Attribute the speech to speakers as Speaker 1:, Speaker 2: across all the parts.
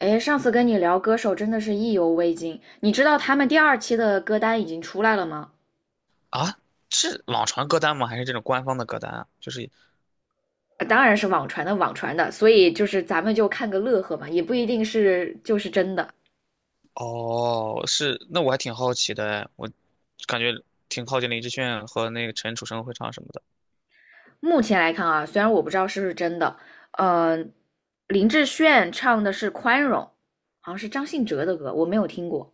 Speaker 1: 哎，上次跟你聊歌手真的是意犹未尽，你知道他们第二期的歌单已经出来了吗？
Speaker 2: 啊，是网传歌单吗？还是这种官方的歌单啊？就是
Speaker 1: 当然是网传的，所以就是咱们就看个乐呵嘛，也不一定是就是真的。
Speaker 2: 哦，是那我还挺好奇的哎，我感觉挺靠近林志炫和那个陈楚生会唱什么的。
Speaker 1: 目前来看啊，虽然我不知道是不是真的，呃，林志炫唱的是《宽容》，好像是张信哲的歌，我没有听过。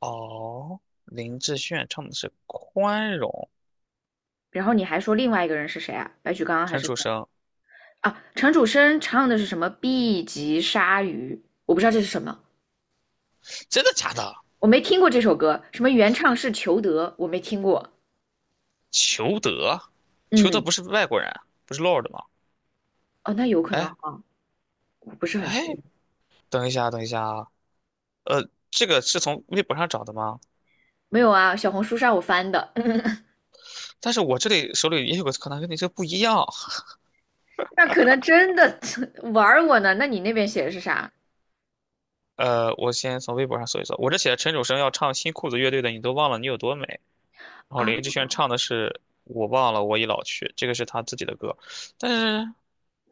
Speaker 2: 哦，林志炫唱的是《宽容》，
Speaker 1: 然后你还说另外一个人是谁啊？白举纲还
Speaker 2: 陈
Speaker 1: 是谁
Speaker 2: 楚生
Speaker 1: 啊？陈楚生唱的是什么 B 级鲨鱼？我不知道这是什么。
Speaker 2: 真的假的？
Speaker 1: 我没听过这首歌，什么原唱是裘德，我没听过。
Speaker 2: 裘德，裘德
Speaker 1: 嗯，
Speaker 2: 不是外国人啊，不是 Lord 吗？
Speaker 1: 哦，那有可能
Speaker 2: 哎
Speaker 1: 哈，我不是很确
Speaker 2: 哎，
Speaker 1: 定。
Speaker 2: 等一下等一下啊，这个是从微博上找的吗？
Speaker 1: 没有啊，小红书上我翻的，
Speaker 2: 但是我这里手里也有个歌单，跟你这个不一样。
Speaker 1: 那可能真的 玩儿我呢。那你那边写的是啥
Speaker 2: 我先从微博上搜一搜，我这写的陈楚生要唱新裤子乐队的《你都忘了你有多美》，然后
Speaker 1: 啊？
Speaker 2: 林志炫唱的是《我忘了我已老去》，这个是他自己的歌，但是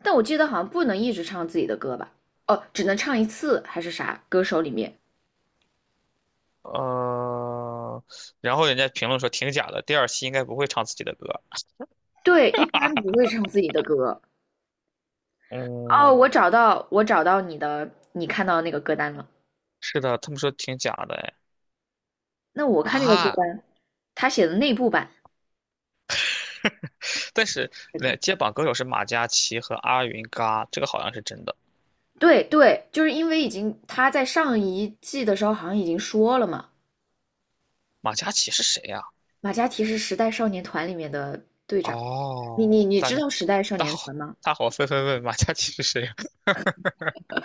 Speaker 1: 但我记得好像不能一直唱自己的歌吧？哦，只能唱一次还是啥？歌手里面，
Speaker 2: 呃，然后人家评论说挺假的，第二期应该不会唱自己的歌，
Speaker 1: 对，一般不会唱自己的歌。哦，我
Speaker 2: 嗯，
Speaker 1: 找到，我找到你的，你看到的那个歌单了。
Speaker 2: 是的，他们说挺假的，哎
Speaker 1: 那我看那个歌
Speaker 2: 啊，
Speaker 1: 单，他写的内部版，
Speaker 2: 但是
Speaker 1: 真
Speaker 2: 那
Speaker 1: 的。
Speaker 2: 接榜歌手是马嘉祺和阿云嘎，这个好像是真的，
Speaker 1: 对对，就是因为已经他在上一季的时候好像已经说了嘛，
Speaker 2: 马嘉祺是谁呀，
Speaker 1: 马嘉祺是时代少年团里面的队长。你
Speaker 2: 哦，
Speaker 1: 你你
Speaker 2: 大
Speaker 1: 知
Speaker 2: 家
Speaker 1: 道时代少
Speaker 2: 大
Speaker 1: 年
Speaker 2: 伙
Speaker 1: 团吗？
Speaker 2: 大伙纷纷问马嘉祺是谁。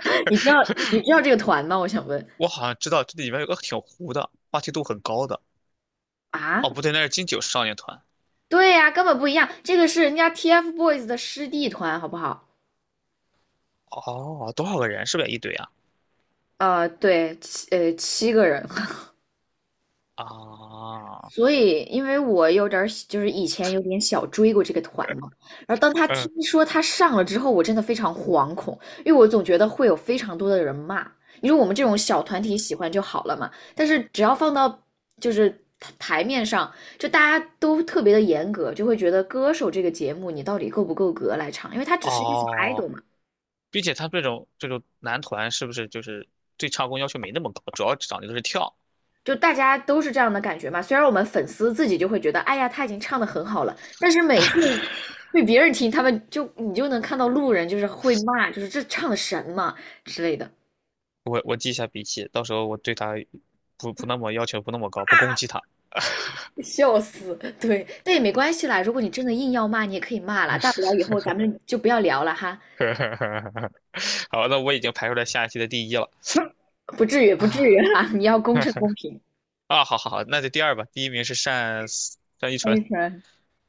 Speaker 1: 你知道你知道这个团吗？我想问
Speaker 2: 我好像知道这里面有个挺糊的，话题度很高的。
Speaker 1: 啊，
Speaker 2: 哦，不对，那是金九少年团。
Speaker 1: 对呀、根本不一样，这个是人家 TFBOYS 的师弟团，好不好？
Speaker 2: 哦，多少个人？是不是也一堆啊？
Speaker 1: 对，七个人，
Speaker 2: 啊，
Speaker 1: 所以，因为我有点儿就是以前有点小追过这个团嘛，然后当他
Speaker 2: 嗯，
Speaker 1: 听说他上了之后，我真的非常惶恐，因为我总觉得会有非常多的人骂。你说我们这种小团体喜欢就好了嘛，但是只要放到就是台面上，就大家都特别的严格，就会觉得歌手这个节目你到底够不够格来唱，因为他只是一个小
Speaker 2: 哦，
Speaker 1: idol 嘛，
Speaker 2: 并且他这种男团是不是就是对唱功要求没那么高，主要讲的就是跳。
Speaker 1: 就大家都是这样的感觉嘛。虽然我们粉丝自己就会觉得，哎呀，他已经唱的很好了，但是每次被别人听，他们就你就能看到路人就是会骂，就是这唱的神嘛之类的，
Speaker 2: 我记一下笔记，到时候我对他不那么要求不那么高，不攻击他。
Speaker 1: 笑死。对，但也没关系啦，如果你真的硬要骂，你也可以骂啦，大不了以后咱们就不要聊了哈，
Speaker 2: 好，那我已经排出来下一期的第一了
Speaker 1: 不至于，不至
Speaker 2: 啊
Speaker 1: 于哈，你要公 正公平。
Speaker 2: 啊！好好好，那就第二吧。第一名是单依纯。
Speaker 1: 非常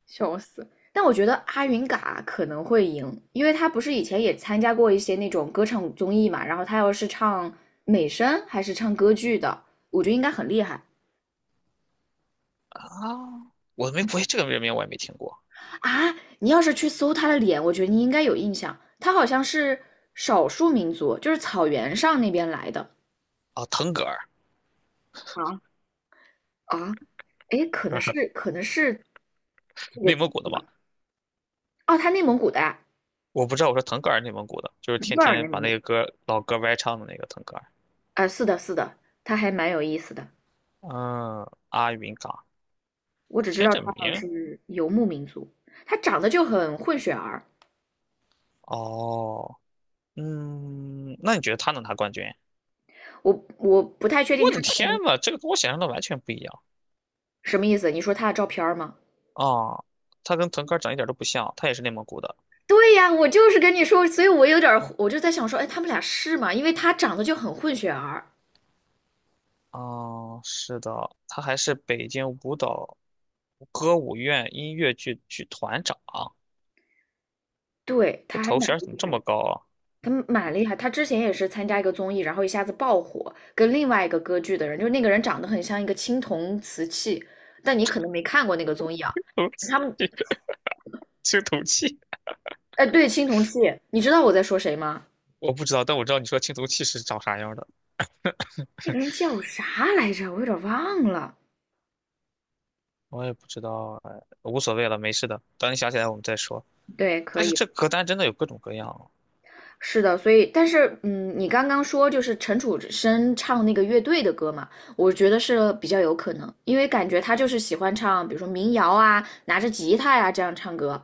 Speaker 1: 笑死！但我觉得阿云嘎可能会赢，因为他不是以前也参加过一些那种歌唱综艺嘛，然后他要是唱美声还是唱歌剧的，我觉得应该很厉害
Speaker 2: 啊，我没，我也这个人名我也没听过
Speaker 1: 啊！你要是去搜他的脸，我觉得你应该有印象，他好像是少数民族，就是草原上那边来的
Speaker 2: 啊。腾格尔，
Speaker 1: 啊啊，哎，可能是这个
Speaker 2: 内
Speaker 1: 字
Speaker 2: 蒙古的嘛，
Speaker 1: 吧，哦，他内蒙古的啊，
Speaker 2: 我不知道。我说腾格尔，内蒙古的，就是
Speaker 1: 尼
Speaker 2: 天
Speaker 1: 泊尔内
Speaker 2: 天把
Speaker 1: 蒙
Speaker 2: 那
Speaker 1: 古。
Speaker 2: 个歌老歌歪唱的那个腾格尔。
Speaker 1: 啊是的，是的，他还蛮有意思的。
Speaker 2: 嗯，阿云嘎，
Speaker 1: 我只知
Speaker 2: 听
Speaker 1: 道
Speaker 2: 这
Speaker 1: 他好像
Speaker 2: 名，
Speaker 1: 是游牧民族，他长得就很混血儿，
Speaker 2: 哦，嗯，那你觉得他能拿冠军？
Speaker 1: 我不太确定
Speaker 2: 我
Speaker 1: 他
Speaker 2: 的天呐，这个跟我想象的完全不一样
Speaker 1: 什么意思。你说他的照片儿吗？
Speaker 2: 啊！他跟腾格尔长一点都不像，他也是内蒙古的。
Speaker 1: 对呀，我就是跟你说，所以我有点儿，我就在想说，哎，他们俩是吗？因为他长得就很混血儿，
Speaker 2: 啊，是的，他还是北京舞蹈歌舞院音乐剧剧团长，
Speaker 1: 对，
Speaker 2: 这
Speaker 1: 他还
Speaker 2: 头
Speaker 1: 蛮
Speaker 2: 衔怎么
Speaker 1: 厉
Speaker 2: 这
Speaker 1: 害
Speaker 2: 么
Speaker 1: 的，
Speaker 2: 高啊？
Speaker 1: 他蛮厉害。他之前也是参加一个综艺，然后一下子爆火，跟另外一个歌剧的人，就是那个人长得很像一个青铜瓷器，但你可能没看过那个综艺啊。
Speaker 2: 哦，
Speaker 1: 他们，
Speaker 2: 这个青铜器，
Speaker 1: 哎，对，青铜器，你知道我在说谁吗？
Speaker 2: 我不知道，但我知道你说青铜器是长啥样的，
Speaker 1: 那个人叫啥来着？我有点忘了。
Speaker 2: 我也不知道，哎，无所谓了，没事的。等你想起来我们再说。
Speaker 1: 对，可
Speaker 2: 但是
Speaker 1: 以，
Speaker 2: 这歌单真的有各种各样啊，
Speaker 1: 是的，所以，但是，嗯，你刚刚说就是陈楚生唱那个乐队的歌嘛，我觉得是比较有可能，因为感觉他就是喜欢唱，比如说民谣啊，拿着吉他呀、这样唱歌，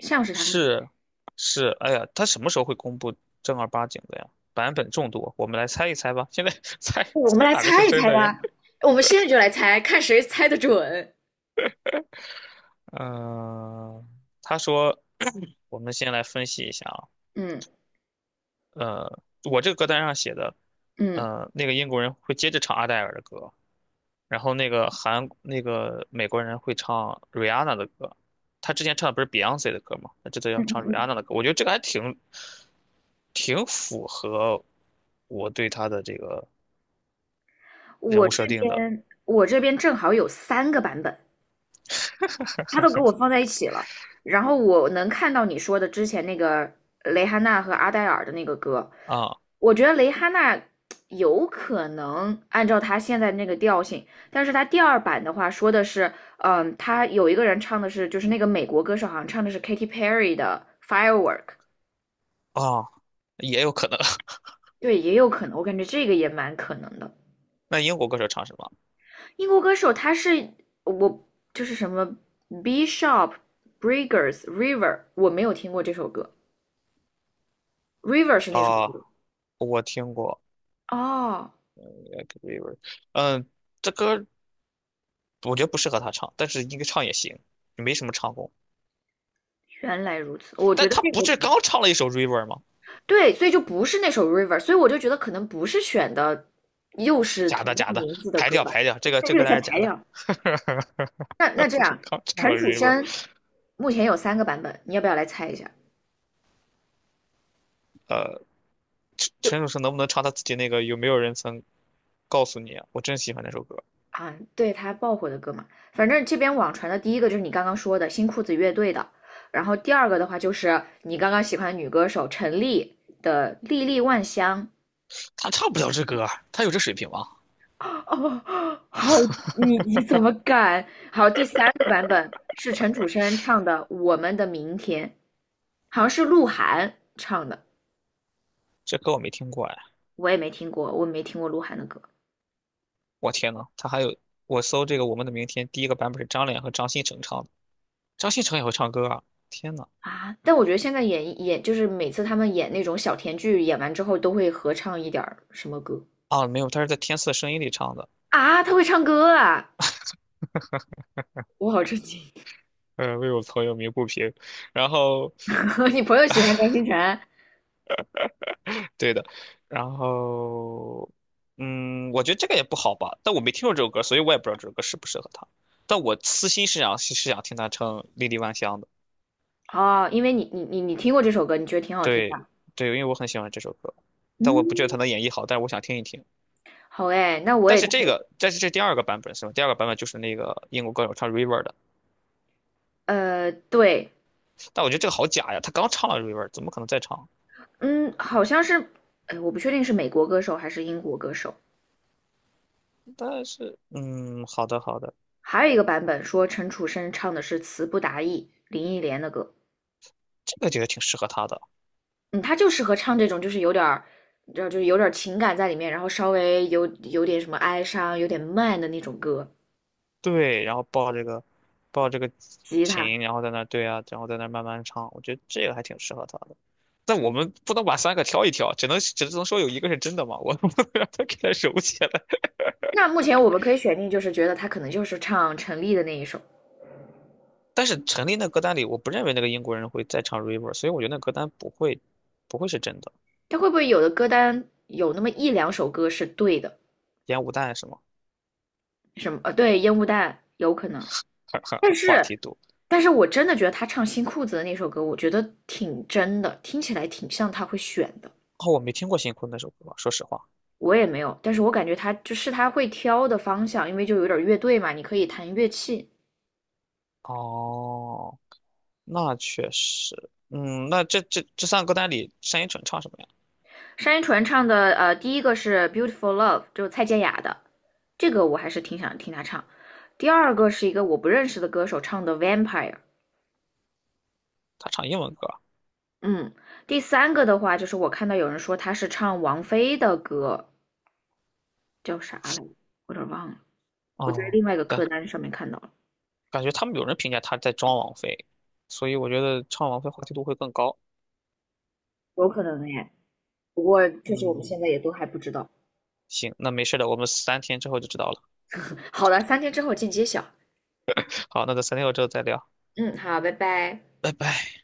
Speaker 1: 像是他会。
Speaker 2: 是是，哎呀，它什么时候会公布正儿八经的呀？版本众多，我们来猜一猜吧。现在 猜
Speaker 1: 我们
Speaker 2: 猜
Speaker 1: 来
Speaker 2: 哪个
Speaker 1: 猜
Speaker 2: 是
Speaker 1: 一
Speaker 2: 真
Speaker 1: 猜
Speaker 2: 的耶？
Speaker 1: 吧 我们现在就来猜，看谁猜的准。
Speaker 2: 嗯，他说，我们先来分析一下啊。
Speaker 1: 嗯
Speaker 2: 我这个歌单上写的，
Speaker 1: 嗯
Speaker 2: 那个英国人会接着唱阿黛尔的歌，然后那个韩那个美国人会唱 Rihanna 的歌，他之前唱的不是 Beyonce 的歌吗？他这次要
Speaker 1: 嗯
Speaker 2: 唱
Speaker 1: 嗯嗯，
Speaker 2: Rihanna 的歌，我觉得这个还挺符合我对他的这个人
Speaker 1: 我
Speaker 2: 物
Speaker 1: 这
Speaker 2: 设定的
Speaker 1: 边我这边正好有三个版本，他都给我放在一起了。然后我能看到你说的之前那个蕾哈娜和阿黛尔的那个歌，
Speaker 2: 啊
Speaker 1: 我觉得蕾哈娜有可能按照他现在那个调性，但是他第二版的话说的是，他有一个人唱的是，就是那个美国歌手好像唱的是 Katy Perry 的 Firework，
Speaker 2: 啊，也有可能。
Speaker 1: 对，也有可能，我感觉这个也蛮可能的。
Speaker 2: 那英国歌手唱什么
Speaker 1: 英国歌手他是我就是什么 Bishop Briggs River，我没有听过这首歌，River 是那首
Speaker 2: 啊？
Speaker 1: 歌。
Speaker 2: 我听过
Speaker 1: 哦，
Speaker 2: Like River，嗯，这歌我觉得不适合他唱，但是应该唱也行，没什么唱功。
Speaker 1: 原来如此。我觉
Speaker 2: 但
Speaker 1: 得
Speaker 2: 他
Speaker 1: 这
Speaker 2: 不
Speaker 1: 个
Speaker 2: 是刚唱了一首 River 吗？
Speaker 1: 对，所以就不是那首《River》，所以我就觉得可能不是选的又是
Speaker 2: 假
Speaker 1: 同
Speaker 2: 的假
Speaker 1: 样
Speaker 2: 的，
Speaker 1: 名字的
Speaker 2: 排
Speaker 1: 歌
Speaker 2: 掉
Speaker 1: 吧，
Speaker 2: 排掉，这个
Speaker 1: 那
Speaker 2: 这
Speaker 1: 这个
Speaker 2: 个单
Speaker 1: 先
Speaker 2: 是
Speaker 1: 排
Speaker 2: 假的。
Speaker 1: 掉。那 这
Speaker 2: 不是
Speaker 1: 样，
Speaker 2: 刚唱了
Speaker 1: 陈楚
Speaker 2: River，
Speaker 1: 生目前有三个版本，你要不要来猜一下？
Speaker 2: 呃，陈楚生能不能唱他自己那个有没有人曾告诉你啊我真喜欢那首歌。
Speaker 1: 啊，对他爆火的歌嘛，反正这边网传的第一个就是你刚刚说的新裤子乐队的，然后第二个的话就是你刚刚喜欢的女歌手陈粒的《历历万香》，
Speaker 2: 他唱不了这歌啊，他有这水平吗？
Speaker 1: 哦，好，你怎么敢？好，第三个版本是陈楚生唱的《我们的明天》，好像是鹿晗唱的，
Speaker 2: 这歌我没听过哎，
Speaker 1: 我也没听过，我没听过鹿晗的歌
Speaker 2: 我天呐，他还有我搜这个《我们的明天》，第一个版本是张脸和张新成唱的，张新成也会唱歌啊！天呐，
Speaker 1: 啊。但我觉得现在演演就是每次他们演那种小甜剧，演完之后都会合唱一点儿什么歌
Speaker 2: 啊没有，他是在《天赐的声音》里唱的。
Speaker 1: 啊？他会唱歌啊！我好震惊。
Speaker 2: 为我朋友鸣不平，然后
Speaker 1: 你朋友喜欢张新成
Speaker 2: 对的，然后，嗯，我觉得这个也不好吧，但我没听过这首歌，所以我也不知道这首歌适不适合他。但我私心是想听他唱《莉莉万香》的，
Speaker 1: 哦，因为你听过这首歌，你觉得挺好听
Speaker 2: 对
Speaker 1: 的。
Speaker 2: 对，因为我很喜欢这首歌，但我不觉得他
Speaker 1: 嗯，
Speaker 2: 能演绎好，但是我想听一听。
Speaker 1: 好哎，那我也
Speaker 2: 但是这第二个版本是吧？第二个版本就是那个英国歌手唱 River 的，
Speaker 1: 对，
Speaker 2: 但我觉得这个好假呀，他刚唱了 River，怎么可能再唱？
Speaker 1: 嗯，好像是，哎，我不确定是美国歌手还是英国歌手。
Speaker 2: 但是，嗯，好的好的，
Speaker 1: 还有一个版本说陈楚生唱的是词不达意，林忆莲的歌。
Speaker 2: 这个觉得挺适合他的。
Speaker 1: 嗯，他就适合唱这种，就是有点儿，你知道，就是有点儿情感在里面，然后稍微有点什么哀伤，有点慢的那种歌。
Speaker 2: 对，然后抱这个
Speaker 1: 吉他。
Speaker 2: 琴，然后在那儿对啊，然后在那儿慢慢唱，我觉得这个还挺适合他的。但我们不能把三个挑一挑，只能说有一个是真的嘛，我 不能让他给他揉起来。
Speaker 1: 那目前我们可以选定，就是觉得他可能就是唱陈粒的那一首。
Speaker 2: 但是陈粒那歌单里，我不认为那个英国人会再唱 River，所以我觉得那歌单不会是真的。
Speaker 1: 他会不会有的歌单有那么一两首歌是对的？
Speaker 2: 烟雾弹是吗？
Speaker 1: 什么？对，烟雾弹有可能。
Speaker 2: 很很
Speaker 1: 但
Speaker 2: 很话
Speaker 1: 是
Speaker 2: 题多。
Speaker 1: 但是我真的觉得他唱《新裤子》的那首歌，我觉得挺真的，听起来挺像他会选的。
Speaker 2: 哦，我没听过新坤那首歌，说实话。
Speaker 1: 我也没有，但是我感觉他就是他会挑的方向，因为就有点乐队嘛，你可以弹乐器。
Speaker 2: 哦，那确实，嗯，那这三个歌单里，单依纯唱什么呀？
Speaker 1: 单依纯唱的，第一个是《Beautiful Love》，就是蔡健雅的，这个我还是挺想听他唱。第二个是一个我不认识的歌手唱的《Vampire》，
Speaker 2: 他唱英文歌啊。
Speaker 1: 嗯。第三个的话，就是我看到有人说他是唱王菲的歌，叫啥来着？我有点忘了，我在
Speaker 2: 哦。
Speaker 1: 另外一个
Speaker 2: 对。
Speaker 1: 歌单上面看到了，
Speaker 2: 感觉他们有人评价他在装王菲，所以我觉得唱王菲话题度会更高。
Speaker 1: 有可能耶。不过确实我们现在
Speaker 2: 嗯，
Speaker 1: 也都还不知道。
Speaker 2: 行，那没事的，我们三天之后就知道了。
Speaker 1: 好的，3天之后见揭晓。
Speaker 2: 好，那在三天后之后再聊，
Speaker 1: 嗯，好，拜拜。
Speaker 2: 拜拜。